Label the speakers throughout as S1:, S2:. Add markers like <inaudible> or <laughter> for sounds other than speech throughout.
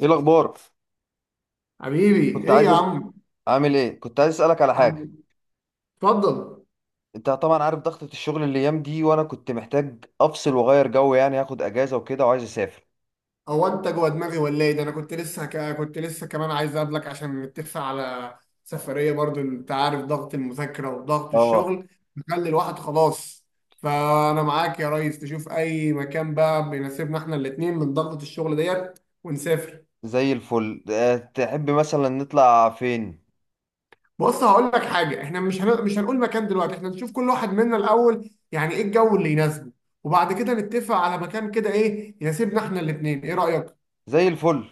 S1: ايه الاخبار؟
S2: حبيبي
S1: كنت
S2: ايه
S1: عايز
S2: يا عم؟
S1: عامل ايه؟ كنت عايز اسالك على حاجه.
S2: عم، اتفضل.
S1: انت طبعا عارف ضغطه الشغل الايام دي، وانا كنت محتاج افصل واغير جو، يعني هاخد اجازه وكده وعايز اسافر.
S2: هو انت جوه دماغي ولا ايه ده؟ انا كنت لسه كمان عايز اقابلك عشان نتفق على سفريه. برضو انت عارف ضغط المذاكره وضغط
S1: اه،
S2: الشغل مخلي الواحد خلاص. فانا معاك يا ريس، تشوف اي مكان بقى بيناسبنا احنا الاتنين من ضغطه الشغل ديت ونسافر.
S1: زي الفل. تحب مثلا نطلع فين؟
S2: بص، هقول لك حاجه، احنا مش هنقول مكان دلوقتي. احنا نشوف كل واحد منا الاول، يعني ايه الجو اللي يناسبه، وبعد كده نتفق على مكان كده ايه يناسبنا احنا الاتنين. ايه رايك؟
S1: زي الفل.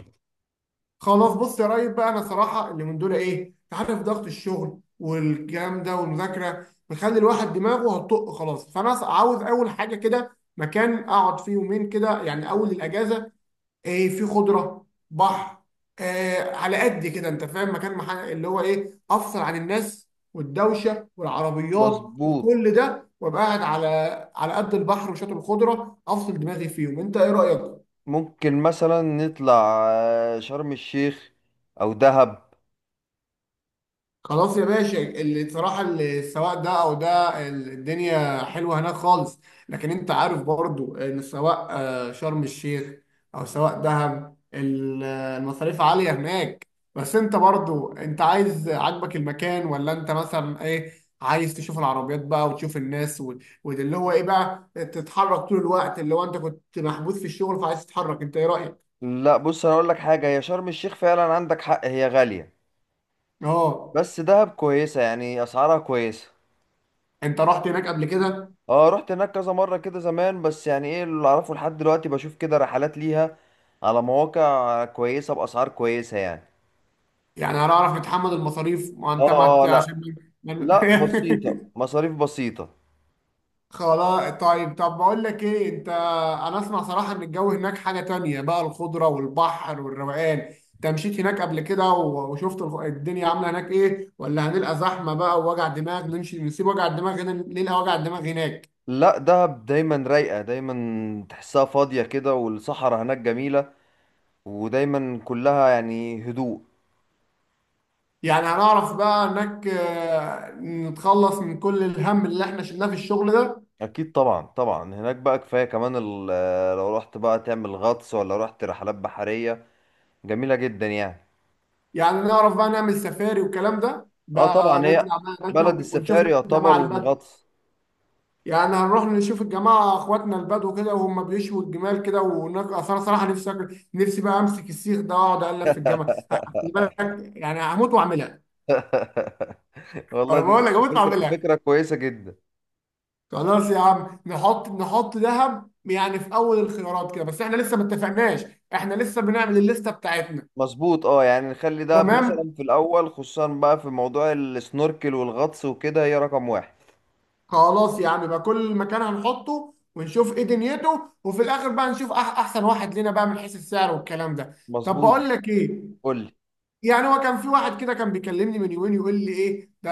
S2: خلاص، بص يا ريس بقى، انا صراحه اللي من دول ايه، انت عارف ضغط الشغل والكلام ده والمذاكره بيخلي الواحد دماغه هتطق خلاص. فانا عاوز اول حاجه كده مكان اقعد فيه يومين كده يعني اول الاجازه. ايه؟ في خضره، بحر. آه، على قد كده، انت فاهم؟ مكان اللي هو ايه، افصل عن الناس والدوشه والعربيات
S1: مظبوط.
S2: وكل ده، وابقى قاعد على قد البحر وشاطئ الخضره، افصل دماغي فيهم. انت ايه رايك؟
S1: ممكن مثلا نطلع شرم الشيخ او دهب.
S2: خلاص يا باشا، اللي صراحة اللي السواق ده او ده، الدنيا حلوة هناك خالص. لكن انت عارف برضو ان سواء شرم الشيخ او سواء دهب، المصاريف عالية هناك. بس انت برضو انت عايز، عاجبك المكان ولا انت مثلا ايه؟ عايز تشوف العربيات بقى وتشوف الناس وده اللي هو ايه بقى، تتحرك طول الوقت اللي هو انت كنت محبوس في الشغل فعايز تتحرك؟ انت ايه رأيك؟
S1: لا بص، انا اقول لك حاجه، هي شرم الشيخ فعلا عندك حق هي غاليه،
S2: اه.
S1: بس دهب كويسه يعني اسعارها كويسه.
S2: انت رحت هناك قبل كده؟
S1: اه رحت هناك كذا مرة كده زمان، بس يعني ايه اللي اعرفه لحد دلوقتي بشوف كده رحلات ليها على مواقع كويسة بأسعار كويسة يعني.
S2: يعني هنعرف نتحمل المصاريف؟ ما
S1: اه
S2: انت ما
S1: اه
S2: انت-
S1: اه،
S2: عشان
S1: لا.
S2: ما
S1: لا
S2: ما-
S1: بسيطة، مصاريف بسيطة.
S2: <laughs> خلاص، طيب، طب بقول لك ايه انت. انا اسمع صراحة ان الجو هناك حاجة تانية بقى، الخضرة والبحر والروقان. انت مشيت هناك قبل كده وشفت الدنيا عاملة هناك ايه ولا هنلقى زحمة بقى ووجع دماغ؟ نمشي نسيب وجع الدماغ هنا نلقى وجع الدماغ هناك.
S1: لا دهب دايما رايقة، دايما تحسها فاضية كده، والصحراء هناك جميلة ودايما كلها يعني هدوء.
S2: يعني هنعرف بقى هناك، نتخلص من كل الهم اللي احنا شلناه في الشغل ده؟
S1: اكيد طبعا طبعا. هناك بقى كفاية كمان لو رحت بقى تعمل غطس ولا رحت رحلات بحرية جميلة جدا يعني.
S2: يعني نعرف بقى نعمل سفاري والكلام ده
S1: اه
S2: بقى،
S1: طبعا، هي
S2: نطلع بقى يا باشا
S1: بلد
S2: ونشوف
S1: السفاري يعتبر
S2: الجماعة البدو.
S1: والغطس.
S2: يعني هنروح نشوف الجماعة اخواتنا البدو كده وهم بيشوا الجمال كده اصل انا صراحة نفسي بقى امسك السيخ ده واقعد اقلب في الجمل، خلي بالك. يعني هموت واعملها.
S1: والله
S2: انا
S1: دي
S2: بقول لك هموت
S1: فكرة،
S2: واعملها.
S1: فكرة كويسة جدا.
S2: خلاص يا عم، نحط ذهب يعني في اول الخيارات كده، بس احنا لسه ما اتفقناش. احنا لسه بنعمل الليسته بتاعتنا.
S1: مظبوط، اه يعني نخلي ده
S2: تمام.
S1: مثلا في الأول، خصوصا بقى في موضوع السنوركل والغطس وكده هي رقم 1.
S2: خلاص يا عم بقى، كل مكان هنحطه ونشوف ايه دنيته، وفي الاخر بقى نشوف احسن واحد لنا بقى من حيث السعر والكلام ده. طب
S1: مظبوط.
S2: بقول لك ايه.
S1: قول لي.
S2: يعني هو كان في واحد كده كان بيكلمني من يومين يقول لي ايه ده،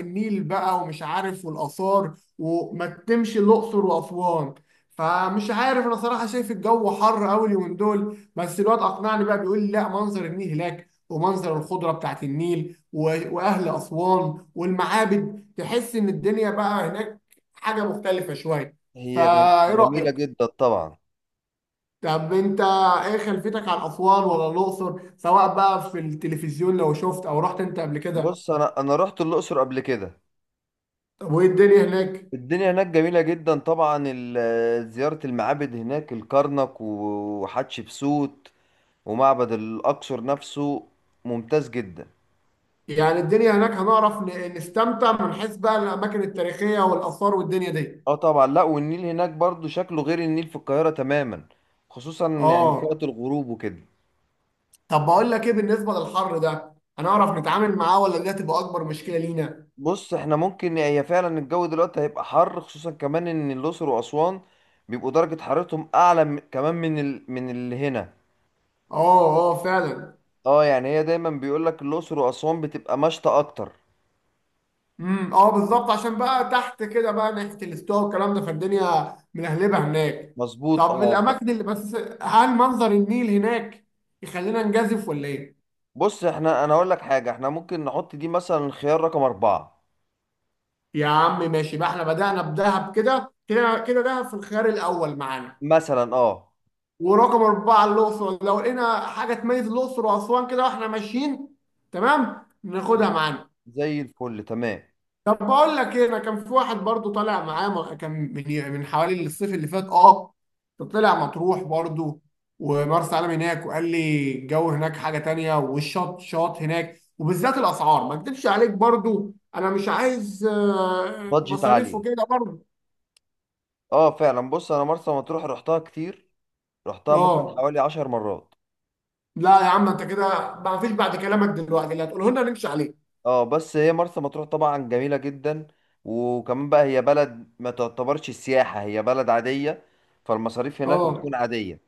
S2: النيل بقى ومش عارف والاثار وما تتمشي الاقصر واسوان. فمش عارف، انا صراحه شايف الجو حر قوي اليومين دول، بس الواد اقنعني بقى بيقول لي لا، منظر النيل هناك ومنظر الخضره بتاعت النيل واهل اسوان والمعابد، تحس ان الدنيا بقى هناك حاجه مختلفه شويه.
S1: هي
S2: فايه
S1: جميلة
S2: رايك؟
S1: جدا طبعا.
S2: طب انت، ايه خلفيتك عن اسوان ولا الاقصر، سواء بقى في التلفزيون لو شفت او رحت انت قبل كده؟
S1: بص أنا رحت الأقصر قبل كده.
S2: طب وايه الدنيا هناك؟
S1: الدنيا هناك جميلة جدا طبعا. زيارة المعابد هناك، الكرنك وحتشبسوت ومعبد الأقصر نفسه، ممتاز جدا.
S2: يعني الدنيا هناك هنعرف نستمتع من حيث بقى الاماكن التاريخيه والاثار والدنيا دي؟
S1: اه طبعا، لا والنيل هناك برضو شكله غير النيل في القاهرة تماما، خصوصا يعني في وقت
S2: اه.
S1: الغروب وكده.
S2: طب بقول لك ايه، بالنسبه للحر ده هنعرف نتعامل معاه ولا دي هتبقى اكبر مشكله لينا؟
S1: بص احنا ممكن، هي فعلا الجو دلوقتي هيبقى حر، خصوصا كمان ان الاقصر واسوان بيبقوا درجة حرارتهم اعلى كمان من من اللي هنا.
S2: اه، اه، فعلا.
S1: اه يعني هي دايما بيقول لك الاقصر واسوان بتبقى مشتى اكتر.
S2: اه، بالظبط، عشان بقى تحت كده بقى ناحيه الاستواء والكلام ده فالدنيا ملهلبه هناك.
S1: مظبوط
S2: طب
S1: اه
S2: الاماكن اللي، بس هل منظر النيل هناك يخلينا نجازف ولا ايه؟
S1: بص احنا، انا اقول لك حاجة، احنا ممكن نحط دي مثلا خيار رقم 4.
S2: يا عم ماشي بقى، احنا بدأنا بدهب كده كده كده، دهب في الخيار الاول معانا.
S1: مثلا اه.
S2: ورقم 4 الاقصر، لو لقينا حاجه تميز الاقصر واسوان كده واحنا ماشيين تمام ناخدها معانا.
S1: زي الفل، تمام.
S2: طب بقول لك ايه، انا كان في واحد برضو طالع معاه كان من حوالي الصيف اللي فات، اه. طلع مطروح برضو ومرسى علم هناك، وقال لي الجو هناك حاجة تانية، والشط شاط هناك، وبالذات الاسعار ما اكدبش عليك برضو، انا مش عايز
S1: بادجت
S2: مصاريف
S1: عالية.
S2: وكده برضو.
S1: اه فعلا. بص انا مرسى مطروح رحتها كتير، رحتها مثلا
S2: اه.
S1: حوالي 10 مرات.
S2: لا يا عم، انت كده ما فيش بعد كلامك دلوقتي اللي هتقوله لنا نمشي عليه.
S1: اه بس هي مرسى مطروح طبعا جميلة جدا، وكمان بقى هي بلد ما تعتبرش السياحة، هي بلد عادية، فالمصاريف هناك هتكون
S2: اه،
S1: عادية.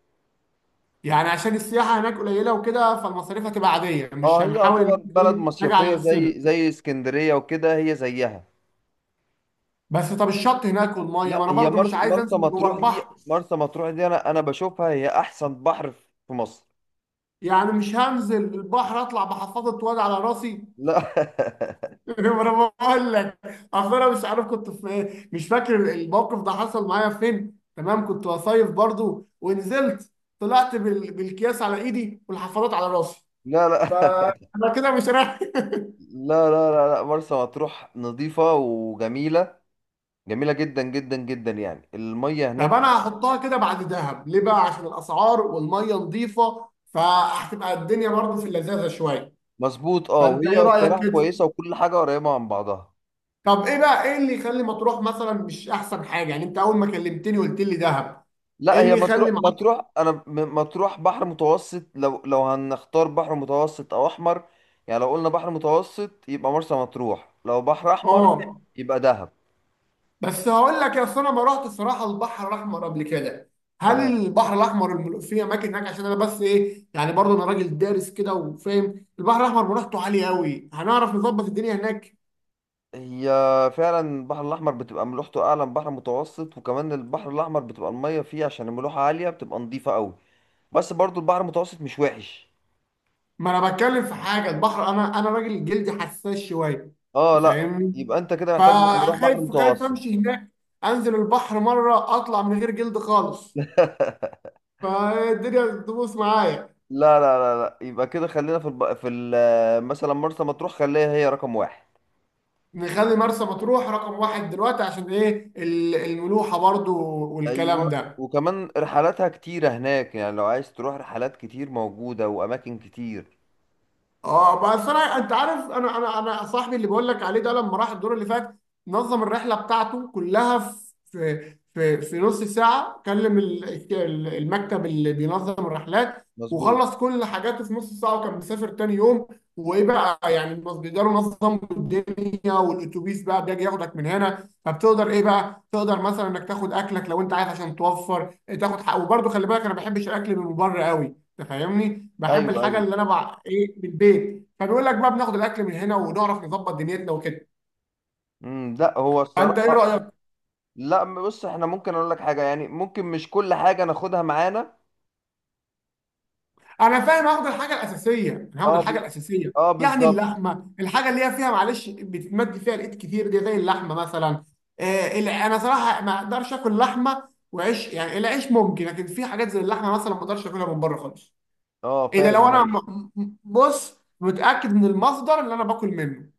S2: يعني عشان السياحة هناك قليلة وكده فالمصاريف هتبقى عادية، مش
S1: اه هي
S2: هنحاول ان
S1: يعتبر
S2: احنا
S1: بلد
S2: ايه نجي على
S1: مصيفية
S2: نفسنا.
S1: زي زي اسكندرية وكده، هي زيها.
S2: بس، طب الشط هناك والميه، ما
S1: لا
S2: انا
S1: هي
S2: برضو مش عايز
S1: مرسى
S2: انزل جوه
S1: مطروح دي،
S2: البحر.
S1: مرسى مطروح دي، انا بشوفها هي احسن بحر في في مصر.
S2: يعني مش هنزل البحر اطلع بحفاضه واد على راسي؟
S1: لا <laughs>
S2: <laughs> ما انا بقول لك. اصل انا مش عارف كنت في ايه، مش فاكر الموقف ده حصل معايا فين، تمام كنت بصيف برضو ونزلت. طلعت بالكياس على ايدي والحفاضات على راسي.
S1: لا لا
S2: فانا كده مش رايح.
S1: لا لا، لا لا، مرسى مطروح نظيفة وجميلة، جميلة جدا جدا جدا يعني المية
S2: <laughs> طب
S1: هناك.
S2: انا هحطها كده بعد دهب ليه بقى، عشان الاسعار والميه نظيفه فهتبقى الدنيا برضو في اللذاذه شويه.
S1: مظبوط، اه
S2: فانت
S1: وهي
S2: ايه رايك
S1: الصراحة
S2: كده؟
S1: كويسة وكل حاجة قريبة من بعضها.
S2: طب ايه بقى، ايه اللي يخلي مطروح مثلا مش احسن حاجه؟ يعني انت اول ما كلمتني قلت لي دهب.
S1: لا
S2: ايه
S1: هي
S2: اللي
S1: مطروح،
S2: يخلي معاك؟
S1: مطروح مطروح بحر متوسط، لو هنختار بحر متوسط او احمر. يعني لو قلنا بحر متوسط يبقى مرسى مطروح، لو بحر احمر
S2: اه،
S1: يبقى دهب.
S2: بس هقول لك يا، أصل انا ما رحت الصراحه البحر الاحمر قبل كده. هل
S1: تمام.
S2: البحر الاحمر في اماكن هناك؟ عشان انا بس ايه يعني برضه انا راجل دارس كده وفاهم البحر الاحمر مريحته عاليه قوي، هنعرف نظبط الدنيا هناك؟
S1: هي فعلا البحر الاحمر بتبقى ملوحته اعلى من بحر متوسط، وكمان البحر الاحمر بتبقى المية فيه عشان الملوحة عالية بتبقى نظيفة قوي، بس برضو البحر المتوسط مش وحش.
S2: ما انا بتكلم في حاجه البحر، انا راجل جلدي حساس شويه.
S1: اه
S2: أنت
S1: لا،
S2: فاهمني.
S1: يبقى انت كده محتاج نروح بحر
S2: فخايف، خايف
S1: متوسط.
S2: امشي هناك انزل البحر مره اطلع من غير جلد خالص.
S1: <laughs>
S2: فالدنيا بتبوظ معايا.
S1: لا لا لا لا، يبقى كده خلينا في مثلا مرسى مطروح خليها هي رقم 1.
S2: نخلي مرسى مطروح رقم واحد دلوقتي، عشان ايه الملوحة برضو والكلام
S1: ايوه،
S2: ده.
S1: وكمان رحلاتها كتيرة هناك، يعني لو عايز تروح رحلات، كتير موجودة واماكن كتير.
S2: اه، بس انا، انت عارف انا صاحبي اللي بقول لك عليه ده لما راح الدور اللي فات نظم الرحله بتاعته كلها في نص ساعه، كلم المكتب اللي بينظم الرحلات
S1: مظبوط.
S2: وخلص كل حاجاته في نص ساعه وكان مسافر تاني يوم. وايه بقى يعني، بس بيقدروا ينظموا الدنيا والاتوبيس بقى بيجي ياخدك من هنا، فبتقدر ايه بقى، تقدر مثلا انك تاخد اكلك لو انت عايز عشان توفر. تاخد حق، وبرده خلي بالك انا ما بحبش الاكل من بره قوي، تفهمني. بحب
S1: ايوه
S2: الحاجه
S1: ايوه.
S2: اللي انا ايه، من البيت، فنقول لك بقى بناخد الاكل من هنا ونعرف نظبط دنيتنا وكده.
S1: لا، هو
S2: فانت ايه
S1: الصراحة،
S2: رايك؟
S1: لا بص احنا ممكن، اقول لك حاجة، يعني ممكن مش كل حاجة ناخدها معانا.
S2: انا فاهم، هاخد الحاجه الاساسيه، انا هاخد
S1: اه ب...
S2: الحاجه الاساسيه.
S1: اه
S2: يعني
S1: بالظبط.
S2: اللحمه، الحاجه اللي هي فيها معلش بتتمد فيها الايد كتير دي، زي اللحمه مثلا. انا صراحه ما اقدرش اكل لحمه وعيش، يعني العيش ممكن، لكن في حاجات زي اللحمه مثلا ما اقدرش اكلها من بره خالص.
S1: اه
S2: الا لو
S1: فاهم،
S2: انا
S1: ايوه.
S2: بص متاكد من المصدر اللي انا باكل منه.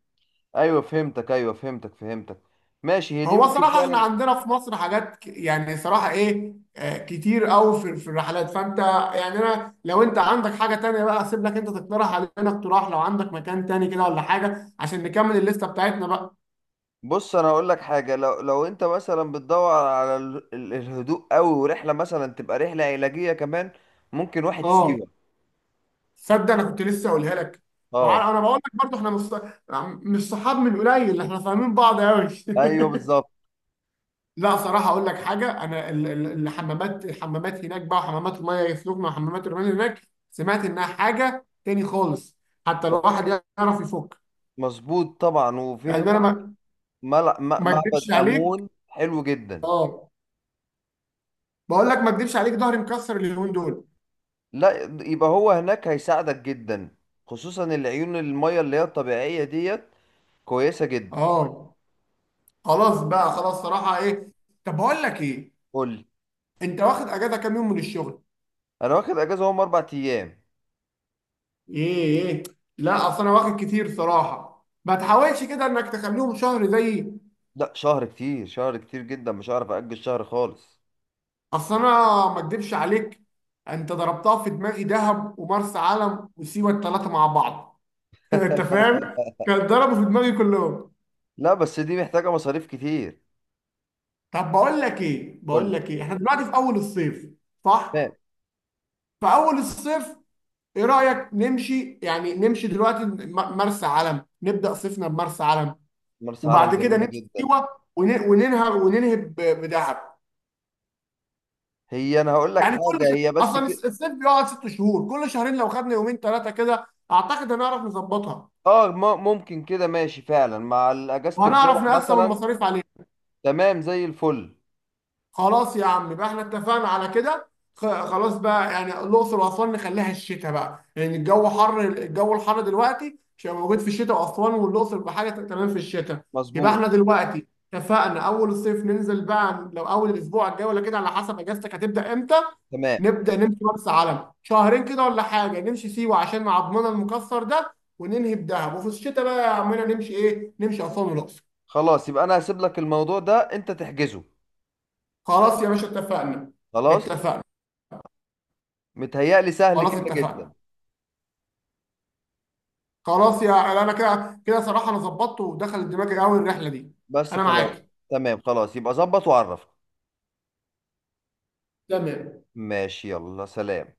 S1: أيوة، فهمتك، ايوه فهمتك فهمتك. ماشي، هي دي
S2: هو
S1: ممكن
S2: صراحة احنا
S1: فعلا.
S2: عندنا في مصر حاجات يعني صراحة ايه كتير قوي في الرحلات، فانت، يعني انا، لو انت عندك حاجة تانية بقى اسيب لك انت تقترح علينا اقتراح، لو عندك مكان تاني كده ولا حاجة عشان نكمل الليستة بتاعتنا بقى.
S1: بص انا هقول لك حاجه، لو لو انت مثلا بتدور على الهدوء قوي، ورحله مثلا تبقى رحله علاجيه كمان، ممكن واحد
S2: اه،
S1: سيوه.
S2: صدق انا كنت لسه اقولها لك.
S1: اه.
S2: انا بقول لك برضه احنا مش صحاب من قليل، احنا فاهمين بعض قوي.
S1: ايوه
S2: <laughs>
S1: بالظبط.
S2: لا، صراحة أقول لك حاجة، أنا الحمامات هناك بقى، وحمامات المية يفلوكنا وحمامات الرمال هناك، سمعت إنها حاجة تاني خالص. حتى لو واحد يعرف يفك.
S1: مظبوط طبعا، وفي
S2: يعني أنا
S1: هناك
S2: ما ما
S1: معبد
S2: أكدبش عليك.
S1: امون حلو جدا.
S2: أه. بقول لك ما أكدبش عليك، ظهري مكسر اليومين دول.
S1: لا يبقى هو هناك هيساعدك جدا، خصوصا العيون الميه اللي هي الطبيعيه ديت كويسه جدا.
S2: أه، خلاص بقى، خلاص صراحة إيه. طب بقول لك إيه،
S1: قول لي.
S2: أنت واخد أجازة كام يوم من الشغل؟
S1: انا واخد اجازه هم 4 ايام.
S2: إيه؟ إيه؟ لا، أصل أنا واخد كتير صراحة، ما تحاولش كده إنك تخليهم شهر زيي.
S1: لا شهر كتير، شهر كتير جدا، مش هعرف اجل شهر خالص.
S2: اصل انا ما اكدبش عليك، انت ضربتها في دماغي، دهب ومرسى علم وسيوه الثلاثه مع بعض. <laughs> انت فاهم. كان ضربوا في دماغي كلهم.
S1: لا بس دي محتاجه مصاريف كتير.
S2: طب بقول لك ايه، بقول
S1: قول.
S2: لك ايه، احنا دلوقتي في اول الصيف. صح.
S1: تمام.
S2: في اول الصيف، ايه رايك نمشي؟ يعني نمشي دلوقتي مرسى علم، نبدا صيفنا بمرسى علم.
S1: مرسى علم
S2: وبعد كده
S1: جميلة
S2: نمشي
S1: جدا.
S2: سيوه. ون- وننهى وننهي بدهب.
S1: هي، أنا هقول لك
S2: يعني كل
S1: حاجة،
S2: شهر،
S1: هي بس
S2: اصلا
S1: كده.
S2: الصيف بيقعد 6 شهور، كل شهرين لو خدنا يومين ثلاثه كده اعتقد هنعرف نظبطها.
S1: آه ممكن كده، ماشي فعلا مع أجازة
S2: وهنعرف
S1: الجمعة
S2: نقسم
S1: مثلا.
S2: المصاريف عليه.
S1: تمام زي الفل.
S2: خلاص يا عم بقى، احنا اتفقنا على كده. خلاص بقى، يعني الاقصر واسوان نخليها الشتاء بقى، لان الجو حر، الجو الحر دلوقتي مش هيبقى موجود في الشتاء، واسوان والاقصر بحاجه تمام في الشتاء. يبقى
S1: مظبوط.
S2: احنا دلوقتي اتفقنا، اول الصيف ننزل بقى، لو اول الاسبوع الجاي ولا كده على حسب اجازتك هتبدا امتى.
S1: تمام.
S2: نبدا نمشي مرسى علم شهرين كده ولا حاجه، نمشي سيوه عشان مع عضمنا المكسر ده، وننهي بدهب، وفي الشتاء بقى يا عمنا نمشي ايه، نمشي اسوان والاقصر.
S1: خلاص يبقى أنا هسيب لك الموضوع ده أنت تحجزه.
S2: خلاص يا باشا، اتفقنا.
S1: خلاص.
S2: اتفقنا
S1: متهيألي سهل
S2: خلاص.
S1: كده جدا.
S2: اتفقنا. خلاص يا، انا كده كده صراحه، انا ظبطت ودخلت دماغي قوي الرحله دي.
S1: بس
S2: انا
S1: خلاص.
S2: معاك.
S1: تمام خلاص، يبقى ظبط وعرف.
S2: تمام.
S1: ماشي، يلا سلام.